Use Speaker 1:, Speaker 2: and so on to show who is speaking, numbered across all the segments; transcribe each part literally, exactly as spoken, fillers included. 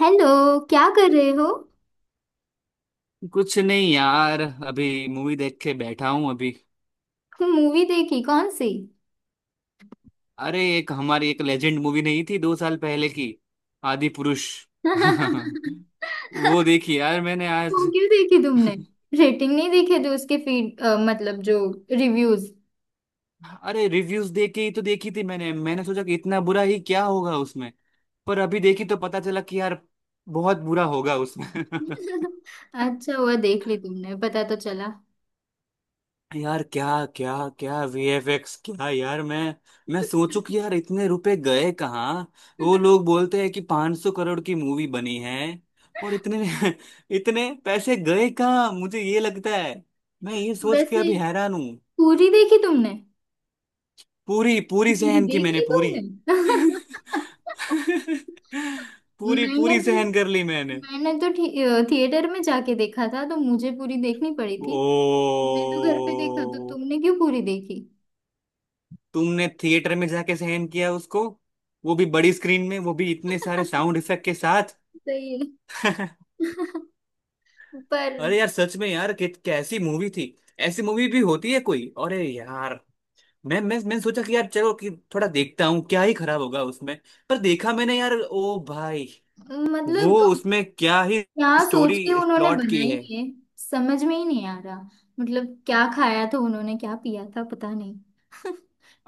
Speaker 1: Hello. क्या कर रहे हो।
Speaker 2: कुछ नहीं यार। अभी मूवी देख के बैठा हूं अभी।
Speaker 1: मूवी देखी कौन सी।
Speaker 2: अरे एक हमारी एक लेजेंड मूवी नहीं थी दो साल पहले की, आदि पुरुष।
Speaker 1: वो
Speaker 2: वो देखी यार मैंने आज।
Speaker 1: क्यों देखी तुमने। रेटिंग नहीं देखे थे उसके फीड अ, मतलब जो रिव्यूज।
Speaker 2: अरे रिव्यूज देख के ही तो देखी थी मैंने मैंने सोचा कि इतना बुरा ही क्या होगा उसमें। पर अभी देखी तो पता चला कि यार, बहुत बुरा होगा उसमें।
Speaker 1: अच्छा हुआ देख ली तुमने। पता तो चला।
Speaker 2: यार क्या क्या क्या वीएफएक्स, क्या यार! मैं मैं सोचू कि यार, इतने रुपए गए कहाँ। वो लोग बोलते हैं कि पाँच सौ करोड़ की मूवी बनी है। और इतने इतने पैसे गए कहाँ। मुझे ये लगता है। मैं ये सोच के
Speaker 1: वैसे
Speaker 2: अभी हैरान हूँ।
Speaker 1: पूरी देखी तुमने।
Speaker 2: पूरी पूरी
Speaker 1: पूरी
Speaker 2: सहन की
Speaker 1: देख
Speaker 2: मैंने,
Speaker 1: ली
Speaker 2: पूरी।
Speaker 1: तुमने।
Speaker 2: पूरी
Speaker 1: मैंने
Speaker 2: पूरी
Speaker 1: तो
Speaker 2: सहन कर ली मैंने।
Speaker 1: मैंने तो थि- अ, थिएटर में जाके देखा था तो मुझे पूरी देखनी पड़ी
Speaker 2: ओ।
Speaker 1: थी। तुमने तो घर पे देखा तो तुमने क्यों पूरी देखी।
Speaker 2: तुमने थिएटर में जाके सहन किया उसको, वो भी बड़ी स्क्रीन में, वो भी इतने सारे साउंड इफेक्ट के साथ।
Speaker 1: सही है। पर।
Speaker 2: अरे यार, सच में यार, कि, कैसी मूवी थी। ऐसी मूवी भी होती है कोई? अरे यार! मैं मैं मैंने सोचा कि यार चलो कि थोड़ा देखता हूँ, क्या ही खराब होगा उसमें। पर देखा मैंने यार, ओ भाई। वो
Speaker 1: मतलब
Speaker 2: उसमें क्या ही
Speaker 1: क्या सोच
Speaker 2: स्टोरी,
Speaker 1: के उन्होंने
Speaker 2: प्लॉट की
Speaker 1: बनाई
Speaker 2: है।
Speaker 1: है। समझ में ही नहीं आ रहा। मतलब क्या खाया था उन्होंने क्या पिया था पता नहीं।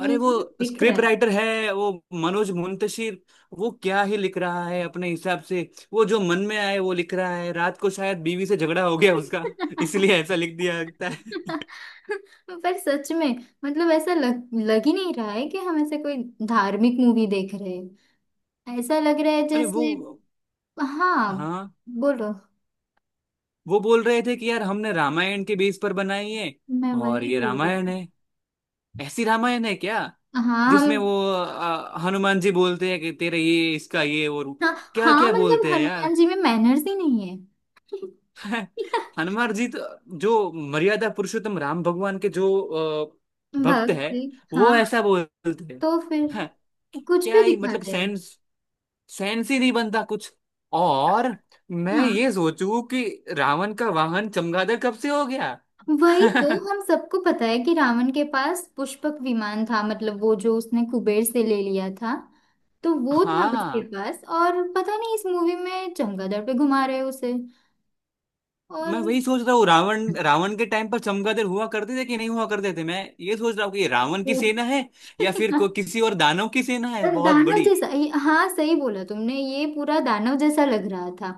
Speaker 2: अरे
Speaker 1: मुंह
Speaker 2: वो
Speaker 1: में दिख रहा
Speaker 2: स्क्रिप्ट
Speaker 1: है।
Speaker 2: राइटर है वो, मनोज मुंतशिर। वो क्या ही लिख रहा है अपने हिसाब से। वो जो मन में आए वो लिख रहा है। रात को शायद बीवी से झगड़ा हो गया उसका। इसलिए ऐसा लिख दिया लगता है।
Speaker 1: पर सच में। मतलब ऐसा लग लग ही नहीं रहा है कि हम ऐसे कोई धार्मिक मूवी देख रहे हैं। ऐसा लग रहा है
Speaker 2: अरे वो,
Speaker 1: जैसे। हाँ।
Speaker 2: हाँ,
Speaker 1: बोलो।
Speaker 2: वो बोल रहे थे कि यार हमने रामायण के बेस पर बनाई है।
Speaker 1: मैं
Speaker 2: और
Speaker 1: वही
Speaker 2: ये
Speaker 1: बोल रही
Speaker 2: रामायण
Speaker 1: हूँ।
Speaker 2: है? ऐसी रामायण है क्या?
Speaker 1: हाँ
Speaker 2: जिसमें
Speaker 1: हम।
Speaker 2: वो अ, हनुमान जी बोलते हैं कि तेरे ये इसका ये और।
Speaker 1: हाँ
Speaker 2: क्या
Speaker 1: हाँ,
Speaker 2: क्या
Speaker 1: मतलब
Speaker 2: बोलते हैं यार।
Speaker 1: हनुमान जी में मैनर्स ही नहीं है।
Speaker 2: हनुमान जी तो जो मर्यादा पुरुषोत्तम राम भगवान के जो अ, भक्त है,
Speaker 1: भक्ति।
Speaker 2: वो
Speaker 1: हाँ।
Speaker 2: ऐसा बोलते हैं।
Speaker 1: तो फिर
Speaker 2: हाँ।
Speaker 1: कुछ
Speaker 2: क्या
Speaker 1: भी
Speaker 2: ही मतलब
Speaker 1: दिखाते हैं।
Speaker 2: सेंस, सेंस ही नहीं बनता कुछ। और मैं
Speaker 1: हाँ,
Speaker 2: ये सोचूं कि रावण का वाहन चमगादड़ कब से हो गया।
Speaker 1: वही तो हम सबको पता है कि रावण के पास पुष्पक विमान था मतलब वो जो उसने कुबेर से ले लिया था। तो वो था उसके
Speaker 2: हाँ।
Speaker 1: पास और पता नहीं इस मूवी में चमगादड़ पे घुमा रहे हैं उसे।
Speaker 2: मैं
Speaker 1: और
Speaker 2: वही सोच रहा हूँ, रावण रावण के टाइम पर चमगादड़ हुआ करते थे कि नहीं हुआ करते थे, मैं ये सोच रहा हूँ कि ये रावण की
Speaker 1: वो।
Speaker 2: सेना है। या फिर को, किसी और दानव की सेना है
Speaker 1: पर
Speaker 2: बहुत
Speaker 1: दानव
Speaker 2: बड़ी।
Speaker 1: जैसा ये- हाँ सही बोला तुमने। ये पूरा दानव जैसा लग रहा था।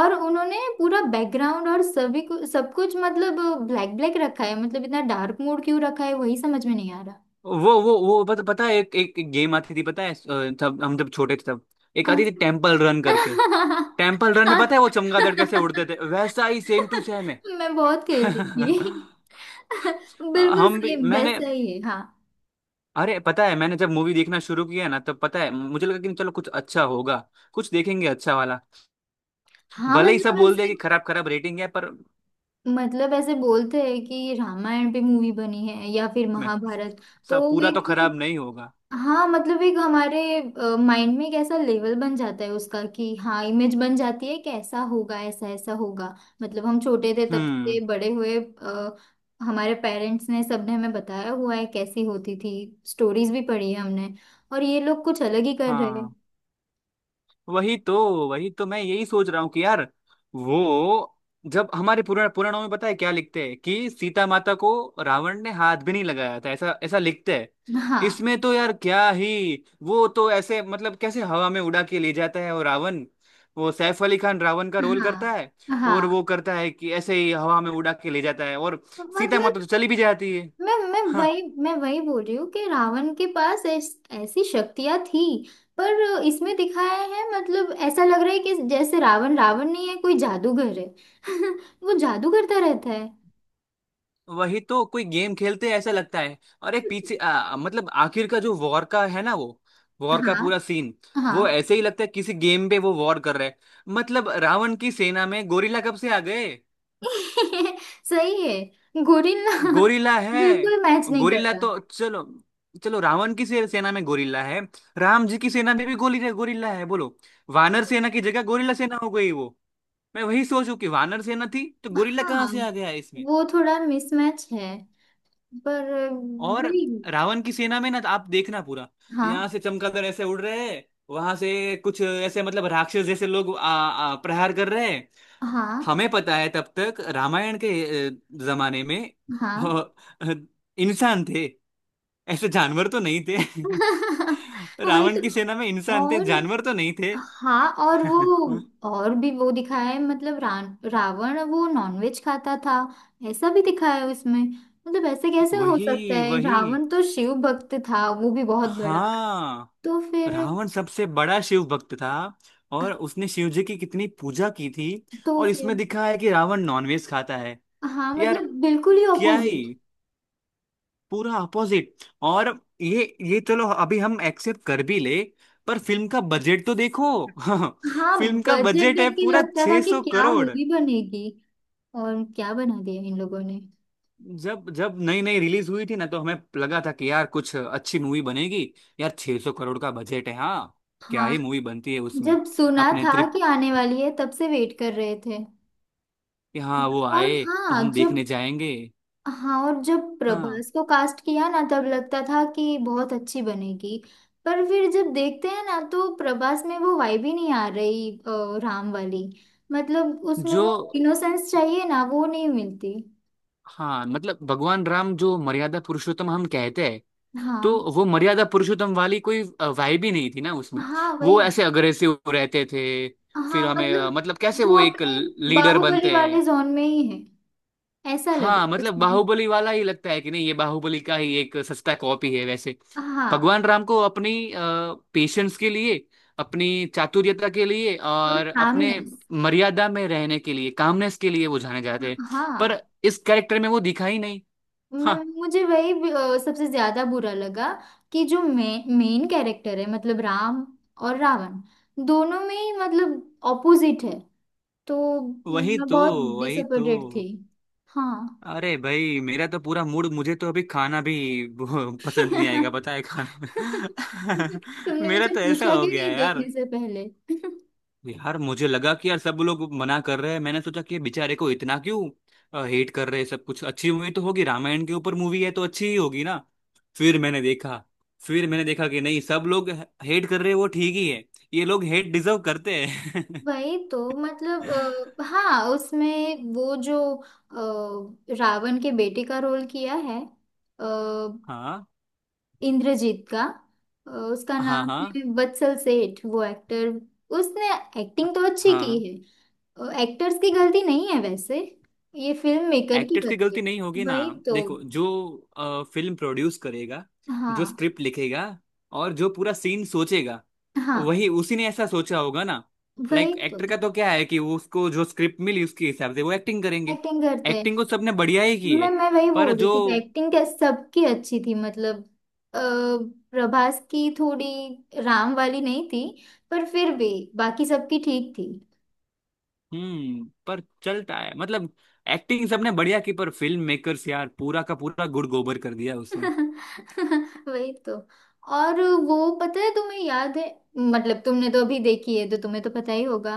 Speaker 1: और उन्होंने पूरा बैकग्राउंड और सभी को सब कुछ मतलब ब्लैक ब्लैक रखा है। मतलब इतना डार्क मोड क्यों रखा है वही समझ में नहीं आ रहा।
Speaker 2: वो वो वो पता पता है एक एक, एक गेम आती थी, पता है अ, तब हम जब छोटे थे तब। एक
Speaker 1: कौन।
Speaker 2: आती थी टेम्पल रन करके। टेम्पल रन में पता है वो चमगादड़ कैसे उड़ते थे, वैसा ही सेम टू सेम है।
Speaker 1: मैं बहुत खेलती थी। बिल्कुल
Speaker 2: हम भी
Speaker 1: सेम
Speaker 2: मैंने।
Speaker 1: वैसा ही है। हाँ।
Speaker 2: अरे पता है, मैंने जब मूवी देखना शुरू किया ना, तब पता है मुझे लगा कि चलो कुछ अच्छा होगा। कुछ देखेंगे अच्छा वाला।
Speaker 1: हाँ
Speaker 2: भले ही सब
Speaker 1: मतलब
Speaker 2: बोल दे
Speaker 1: ऐसे
Speaker 2: कि खराब खराब रेटिंग है, पर।
Speaker 1: मतलब ऐसे बोलते हैं कि रामायण पे मूवी बनी है या फिर
Speaker 2: मैं
Speaker 1: महाभारत। तो
Speaker 2: सब पूरा तो खराब
Speaker 1: एक।
Speaker 2: नहीं होगा।
Speaker 1: हाँ मतलब एक हमारे माइंड में एक ऐसा लेवल बन जाता है उसका कि हाँ इमेज बन जाती है कि ऐसा होगा ऐसा ऐसा होगा। मतलब हम छोटे थे तब से
Speaker 2: हम्म।
Speaker 1: बड़े हुए अ, हमारे पेरेंट्स ने सबने हमें बताया हुआ है कैसी होती थी। स्टोरीज भी पढ़ी है हमने। और ये लोग कुछ अलग ही कर रहे हैं।
Speaker 2: हाँ, वही तो वही तो, मैं यही सोच रहा हूँ कि यार। वो जब हमारे पुराण पुराणों में पता है क्या लिखते हैं कि सीता माता को, रावण ने हाथ भी नहीं लगाया था, ऐसा ऐसा लिखते हैं।
Speaker 1: हाँ
Speaker 2: इसमें तो यार क्या ही, वो तो ऐसे, मतलब कैसे हवा में उड़ा के ले जाता है वो रावण। वो सैफ अली खान रावण का रोल
Speaker 1: हाँ
Speaker 2: करता है। और वो
Speaker 1: हाँ,
Speaker 2: करता है कि ऐसे ही हवा में उड़ा के ले जाता है। और सीता
Speaker 1: मतलब
Speaker 2: माता तो चली भी जाती है।
Speaker 1: मैं मैं
Speaker 2: हाँ।
Speaker 1: वही मैं वही बोल रही हूँ कि रावण के पास ऐस, ऐसी शक्तियां थी। पर इसमें दिखाया है मतलब ऐसा लग रहा है कि जैसे रावण रावण नहीं है कोई जादूगर है। वो जादू करता रहता है।
Speaker 2: वही तो कोई गेम खेलते हैं ऐसा लगता है। और एक पीछे आ, मतलब आखिर का जो वॉर का है ना, वो वॉर का
Speaker 1: हाँ
Speaker 2: पूरा सीन। वो
Speaker 1: हाँ।
Speaker 2: ऐसे ही लगता है किसी गेम पे वो वॉर कर रहे हैं। मतलब रावण की सेना में गोरिल्ला कब से आ गए।
Speaker 1: सही है, गोरिल्ला।
Speaker 2: गोरिल्ला है।
Speaker 1: बिल्कुल मैच नहीं कर
Speaker 2: गोरिल्ला
Speaker 1: रहा।
Speaker 2: तो चलो। चलो रावण की से- सेना में गोरिल्ला है। राम जी की सेना में भी गोली गोरिल्ला है बोलो। वानर सेना की जगह गोरिल्ला सेना हो गई वो। मैं वही सोचू कि वानर सेना थी तो गोरिल्ला कहाँ
Speaker 1: हाँ,
Speaker 2: से आ गया।
Speaker 1: वो थोड़ा मिसमैच है। पर
Speaker 2: और
Speaker 1: वही।
Speaker 2: रावण की सेना में ना, आप देखना पूरा।
Speaker 1: हाँ
Speaker 2: यहाँ से चमगादड़ ऐसे उड़ रहे हैं। वहां से कुछ ऐसे, मतलब राक्षस जैसे लोग आ, आ, प्रहार कर रहे हैं।
Speaker 1: हाँ
Speaker 2: हमें पता है तब तक रामायण के अ, जमाने में अ,
Speaker 1: हाँ।
Speaker 2: अ, इंसान थे। ऐसे जानवर तो नहीं थे।
Speaker 1: वही
Speaker 2: रावण
Speaker 1: तो।
Speaker 2: की सेना में इंसान थे,
Speaker 1: और
Speaker 2: जानवर तो नहीं थे।
Speaker 1: हाँ। और वो और भी वो दिखाया है मतलब रान- रावण वो नॉनवेज खाता था। ऐसा भी दिखाया है उसमें। मतलब ऐसे कैसे हो सकता
Speaker 2: वही
Speaker 1: है।
Speaker 2: वही,
Speaker 1: रावण तो शिव भक्त था वो भी बहुत बड़ा।
Speaker 2: हाँ।
Speaker 1: तो फिर
Speaker 2: रावण सबसे बड़ा शिव भक्त था। और उसने शिव जी की कितनी पूजा की थी।
Speaker 1: तो
Speaker 2: और
Speaker 1: फिर
Speaker 2: इसमें दिखा है कि रावण नॉनवेज खाता है।
Speaker 1: हाँ
Speaker 2: यार
Speaker 1: मतलब बिल्कुल ही
Speaker 2: क्या ही,
Speaker 1: ऑपोजिट।
Speaker 2: पूरा अपोजिट। और ये ये चलो अभी हम एक्सेप्ट कर भी ले। पर फिल्म का बजट तो देखो।
Speaker 1: हाँ।
Speaker 2: फिल्म का
Speaker 1: बजट
Speaker 2: बजट
Speaker 1: देख
Speaker 2: है
Speaker 1: के
Speaker 2: पूरा
Speaker 1: लगता था कि
Speaker 2: छह सौ
Speaker 1: क्या
Speaker 2: करोड़।
Speaker 1: मूवी बनेगी। और क्या बना दिया इन लोगों ने।
Speaker 2: जब जब नई नई रिलीज हुई थी ना, तो हमें लगा था कि यार कुछ अच्छी मूवी बनेगी। यार छह सौ करोड़ का बजट है, हाँ। क्या
Speaker 1: हाँ,
Speaker 2: ही मूवी बनती है उसमें।
Speaker 1: जब सुना
Speaker 2: अपने
Speaker 1: था कि आने वाली है तब से वेट कर रहे थे।
Speaker 2: कि हाँ, वो
Speaker 1: और
Speaker 2: आए तो
Speaker 1: हाँ
Speaker 2: हम
Speaker 1: जब।
Speaker 2: देखने जाएंगे।
Speaker 1: हाँ और जब
Speaker 2: हाँ,
Speaker 1: प्रभास को कास्ट किया ना तब लगता था कि बहुत अच्छी बनेगी। पर फिर जब देखते हैं ना तो प्रभास में वो वाइब ही नहीं आ रही अ, राम वाली। मतलब उसमें
Speaker 2: जो,
Speaker 1: वो इनोसेंस चाहिए ना वो नहीं मिलती।
Speaker 2: हाँ मतलब भगवान राम जो मर्यादा पुरुषोत्तम हम कहते हैं। तो
Speaker 1: हाँ
Speaker 2: वो मर्यादा पुरुषोत्तम वाली कोई वाइब ही नहीं थी ना उसमें।
Speaker 1: हाँ,
Speaker 2: वो
Speaker 1: वही।
Speaker 2: ऐसे अग्रेसिव रहते थे।
Speaker 1: हाँ
Speaker 2: फिर हमें अ,
Speaker 1: मतलब
Speaker 2: मतलब कैसे
Speaker 1: वो
Speaker 2: वो एक
Speaker 1: अपने
Speaker 2: लीडर
Speaker 1: बाहुबली
Speaker 2: बनते
Speaker 1: वाले
Speaker 2: हैं।
Speaker 1: जोन में ही है। ऐसा लग रहा
Speaker 2: हाँ
Speaker 1: है
Speaker 2: मतलब
Speaker 1: उसमें।
Speaker 2: बाहुबली वाला ही लगता है कि नहीं, ये बाहुबली का ही एक सस्ता कॉपी है वैसे।
Speaker 1: हाँ।
Speaker 2: भगवान राम को अपनी पेशेंस के लिए, अपनी चातुर्यता के लिए,
Speaker 1: और
Speaker 2: और अपने
Speaker 1: कामनेस।
Speaker 2: मर्यादा में रहने के लिए, कामनेस के लिए वो जाने जाते हैं। पर
Speaker 1: हाँ।
Speaker 2: इस कैरेक्टर में वो दिखा ही नहीं।
Speaker 1: मैं
Speaker 2: हाँ
Speaker 1: मुझे वही भी, अ, सबसे ज्यादा बुरा लगा कि जो मे, मेन कैरेक्टर है मतलब राम और रावण दोनों में ही मतलब ऑपोजिट है। तो
Speaker 2: वही
Speaker 1: मैं
Speaker 2: तो,
Speaker 1: बहुत
Speaker 2: वही तो।
Speaker 1: डिसअपॉइंटेड थी। हाँ।
Speaker 2: अरे भाई, मेरा तो पूरा मूड। मुझे तो अभी खाना भी वो पसंद नहीं आएगा पता है, खाना। में,
Speaker 1: तुमने
Speaker 2: मेरा
Speaker 1: मुझे
Speaker 2: तो ऐसा
Speaker 1: पूछा
Speaker 2: हो
Speaker 1: क्यों
Speaker 2: गया
Speaker 1: नहीं
Speaker 2: है यार।
Speaker 1: देखने से पहले।
Speaker 2: यार मुझे लगा कि यार सब लोग मना कर रहे हैं, मैंने सोचा कि ये बेचारे को इतना क्यों हेट कर रहे हैं सब। कुछ अच्छी मूवी तो होगी, रामायण के ऊपर मूवी है तो अच्छी ही होगी ना। फिर मैंने देखा। फिर मैंने देखा कि नहीं, सब लोग हेट कर रहे हैं वो ठीक ही है। ये लोग हेट डिजर्व करते हैं।
Speaker 1: वही तो मतलब। अ, हाँ उसमें वो जो अ, रावण के बेटे का रोल किया है
Speaker 2: हाँ
Speaker 1: इंद्रजीत का अ, उसका
Speaker 2: हाँ,
Speaker 1: नाम
Speaker 2: हाँ
Speaker 1: है वत्सल सेठ वो एक्टर। उसने एक्टिंग तो अच्छी की
Speaker 2: हाँ।
Speaker 1: है। एक्टर्स की गलती नहीं है वैसे। ये फिल्म मेकर की
Speaker 2: एक्टर्स की
Speaker 1: गलती
Speaker 2: गलती नहीं
Speaker 1: है
Speaker 2: होगी ना।
Speaker 1: वही तो।
Speaker 2: देखो, जो फिल्म प्रोड्यूस करेगा, जो
Speaker 1: हाँ
Speaker 2: स्क्रिप्ट लिखेगा, और जो पूरा सीन सोचेगा,
Speaker 1: हाँ,
Speaker 2: वही, उसी ने ऐसा सोचा होगा ना।
Speaker 1: वही
Speaker 2: लाइक
Speaker 1: तो
Speaker 2: एक्टर का तो क्या है कि वो, उसको जो स्क्रिप्ट मिली उसके हिसाब से वो एक्टिंग करेंगे।
Speaker 1: एक्टिंग करते हैं।
Speaker 2: एक्टिंग को सबने बढ़िया ही की है।
Speaker 1: मैं मैं वही
Speaker 2: पर
Speaker 1: बोल रही
Speaker 2: जो,
Speaker 1: थी कि एक्टिंग क्या सबकी अच्छी थी मतलब। अ, प्रभास की थोड़ी राम वाली नहीं थी। पर फिर भी बाकी सबकी ठीक थी।
Speaker 2: हम्म पर चलता है मतलब। एक्टिंग सबने बढ़िया की, पर फिल्म मेकर्स यार, पूरा का पूरा गुड़ गोबर कर दिया उसने।
Speaker 1: वही तो। और वो पता है तुम्हें याद है मतलब तुमने तो अभी देखी है तो तुम्हें तो पता ही होगा।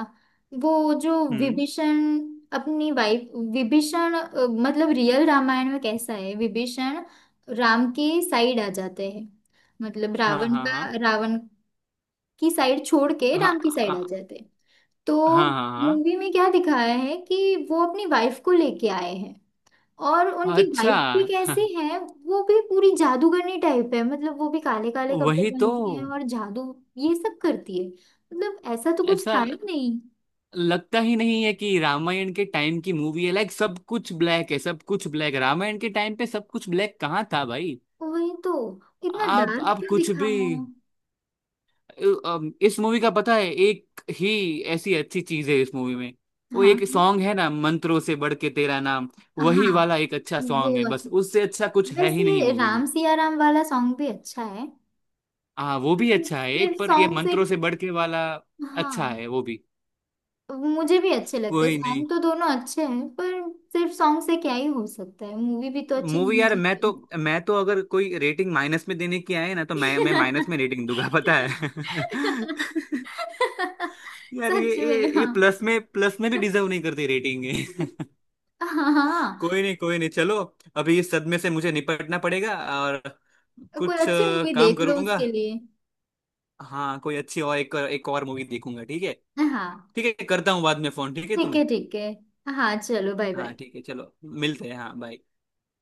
Speaker 1: वो जो
Speaker 2: हम्म।
Speaker 1: विभीषण अपनी वाइफ। विभीषण अ, मतलब रियल रामायण में कैसा है विभीषण राम के साइड आ जाते हैं। मतलब
Speaker 2: हाँ
Speaker 1: रावण
Speaker 2: हाँ, हाँ
Speaker 1: का रावण की साइड छोड़ के
Speaker 2: हाँ,
Speaker 1: राम की साइड
Speaker 2: हाँ
Speaker 1: आ जाते हैं। तो
Speaker 2: हाँ, हाँ
Speaker 1: मूवी में क्या दिखाया है कि वो अपनी वाइफ को लेके आए हैं। और
Speaker 2: हाँ।
Speaker 1: उनकी
Speaker 2: अच्छा,
Speaker 1: वाइफ भी
Speaker 2: हाँ,
Speaker 1: कैसी
Speaker 2: अच्छा।
Speaker 1: है। वो भी पूरी जादूगरनी टाइप है मतलब वो भी काले काले कपड़े
Speaker 2: वही तो।
Speaker 1: पहनती है और जादू ये सब करती है। मतलब ऐसा तो कुछ
Speaker 2: ऐसा
Speaker 1: था ही नहीं।
Speaker 2: लगता ही नहीं है कि रामायण के टाइम की मूवी है। लाइक सब कुछ ब्लैक है, सब कुछ ब्लैक। रामायण के टाइम पे सब कुछ ब्लैक कहाँ था भाई।
Speaker 1: वही तो। इतना
Speaker 2: आप
Speaker 1: डार्क
Speaker 2: आप
Speaker 1: क्यों
Speaker 2: कुछ भी।
Speaker 1: दिखाया।
Speaker 2: अम, इस मूवी का पता है, एक ही ऐसी अच्छी चीज है इस मूवी में। वो
Speaker 1: हाँ
Speaker 2: एक सॉन्ग है ना, मंत्रों से बढ़ के तेरा नाम।
Speaker 1: हाँ
Speaker 2: वही
Speaker 1: हाँ,
Speaker 2: वाला एक अच्छा सॉन्ग है,
Speaker 1: वो
Speaker 2: बस
Speaker 1: अच्छा।
Speaker 2: उससे अच्छा कुछ है ही नहीं
Speaker 1: वैसे
Speaker 2: मूवी में।
Speaker 1: राम सिया राम वाला सॉन्ग भी अच्छा है।
Speaker 2: हाँ वो भी
Speaker 1: हम्म,
Speaker 2: अच्छा है
Speaker 1: सिर्फ
Speaker 2: एक, पर ये
Speaker 1: सॉन्ग से।
Speaker 2: मंत्रों से बढ़ के वाला अच्छा
Speaker 1: हाँ,
Speaker 2: है वो भी।
Speaker 1: मुझे भी अच्छे लगते हैं
Speaker 2: वही नहीं।
Speaker 1: सॉन्ग तो दोनों अच्छे हैं। पर सिर्फ सॉन्ग से क्या ही हो सकता है मूवी भी तो अच्छी
Speaker 2: मूवी
Speaker 1: होनी
Speaker 2: यार, मैं
Speaker 1: चाहिए।
Speaker 2: तो मैं तो अगर कोई रेटिंग माइनस में देने की आए ना, तो मैं मैं माइनस में रेटिंग दूंगा पता है। यार ये
Speaker 1: सच
Speaker 2: ये
Speaker 1: में।
Speaker 2: ये
Speaker 1: हाँ
Speaker 2: प्लस में, प्लस में भी डिजर्व नहीं करती रेटिंग।
Speaker 1: हाँ। हाँ
Speaker 2: कोई नहीं, कोई नहीं, चलो। अभी इस सदमे से मुझे निपटना पड़ेगा। और
Speaker 1: हाँ। कोई
Speaker 2: कुछ
Speaker 1: अच्छी
Speaker 2: अ,
Speaker 1: मूवी
Speaker 2: काम
Speaker 1: देख लो
Speaker 2: करूंगा।
Speaker 1: उसके लिए।
Speaker 2: हाँ कोई अच्छी, और एक एक और मूवी देखूंगा ठीक है।
Speaker 1: हाँ
Speaker 2: ठीक है, करता हूँ बाद में फोन, ठीक है
Speaker 1: ठीक
Speaker 2: तुम्हें।
Speaker 1: है ठीक है। हाँ चलो, बाय
Speaker 2: हाँ
Speaker 1: बाय।
Speaker 2: ठीक है चलो। मिलते हैं, हाँ, बाय।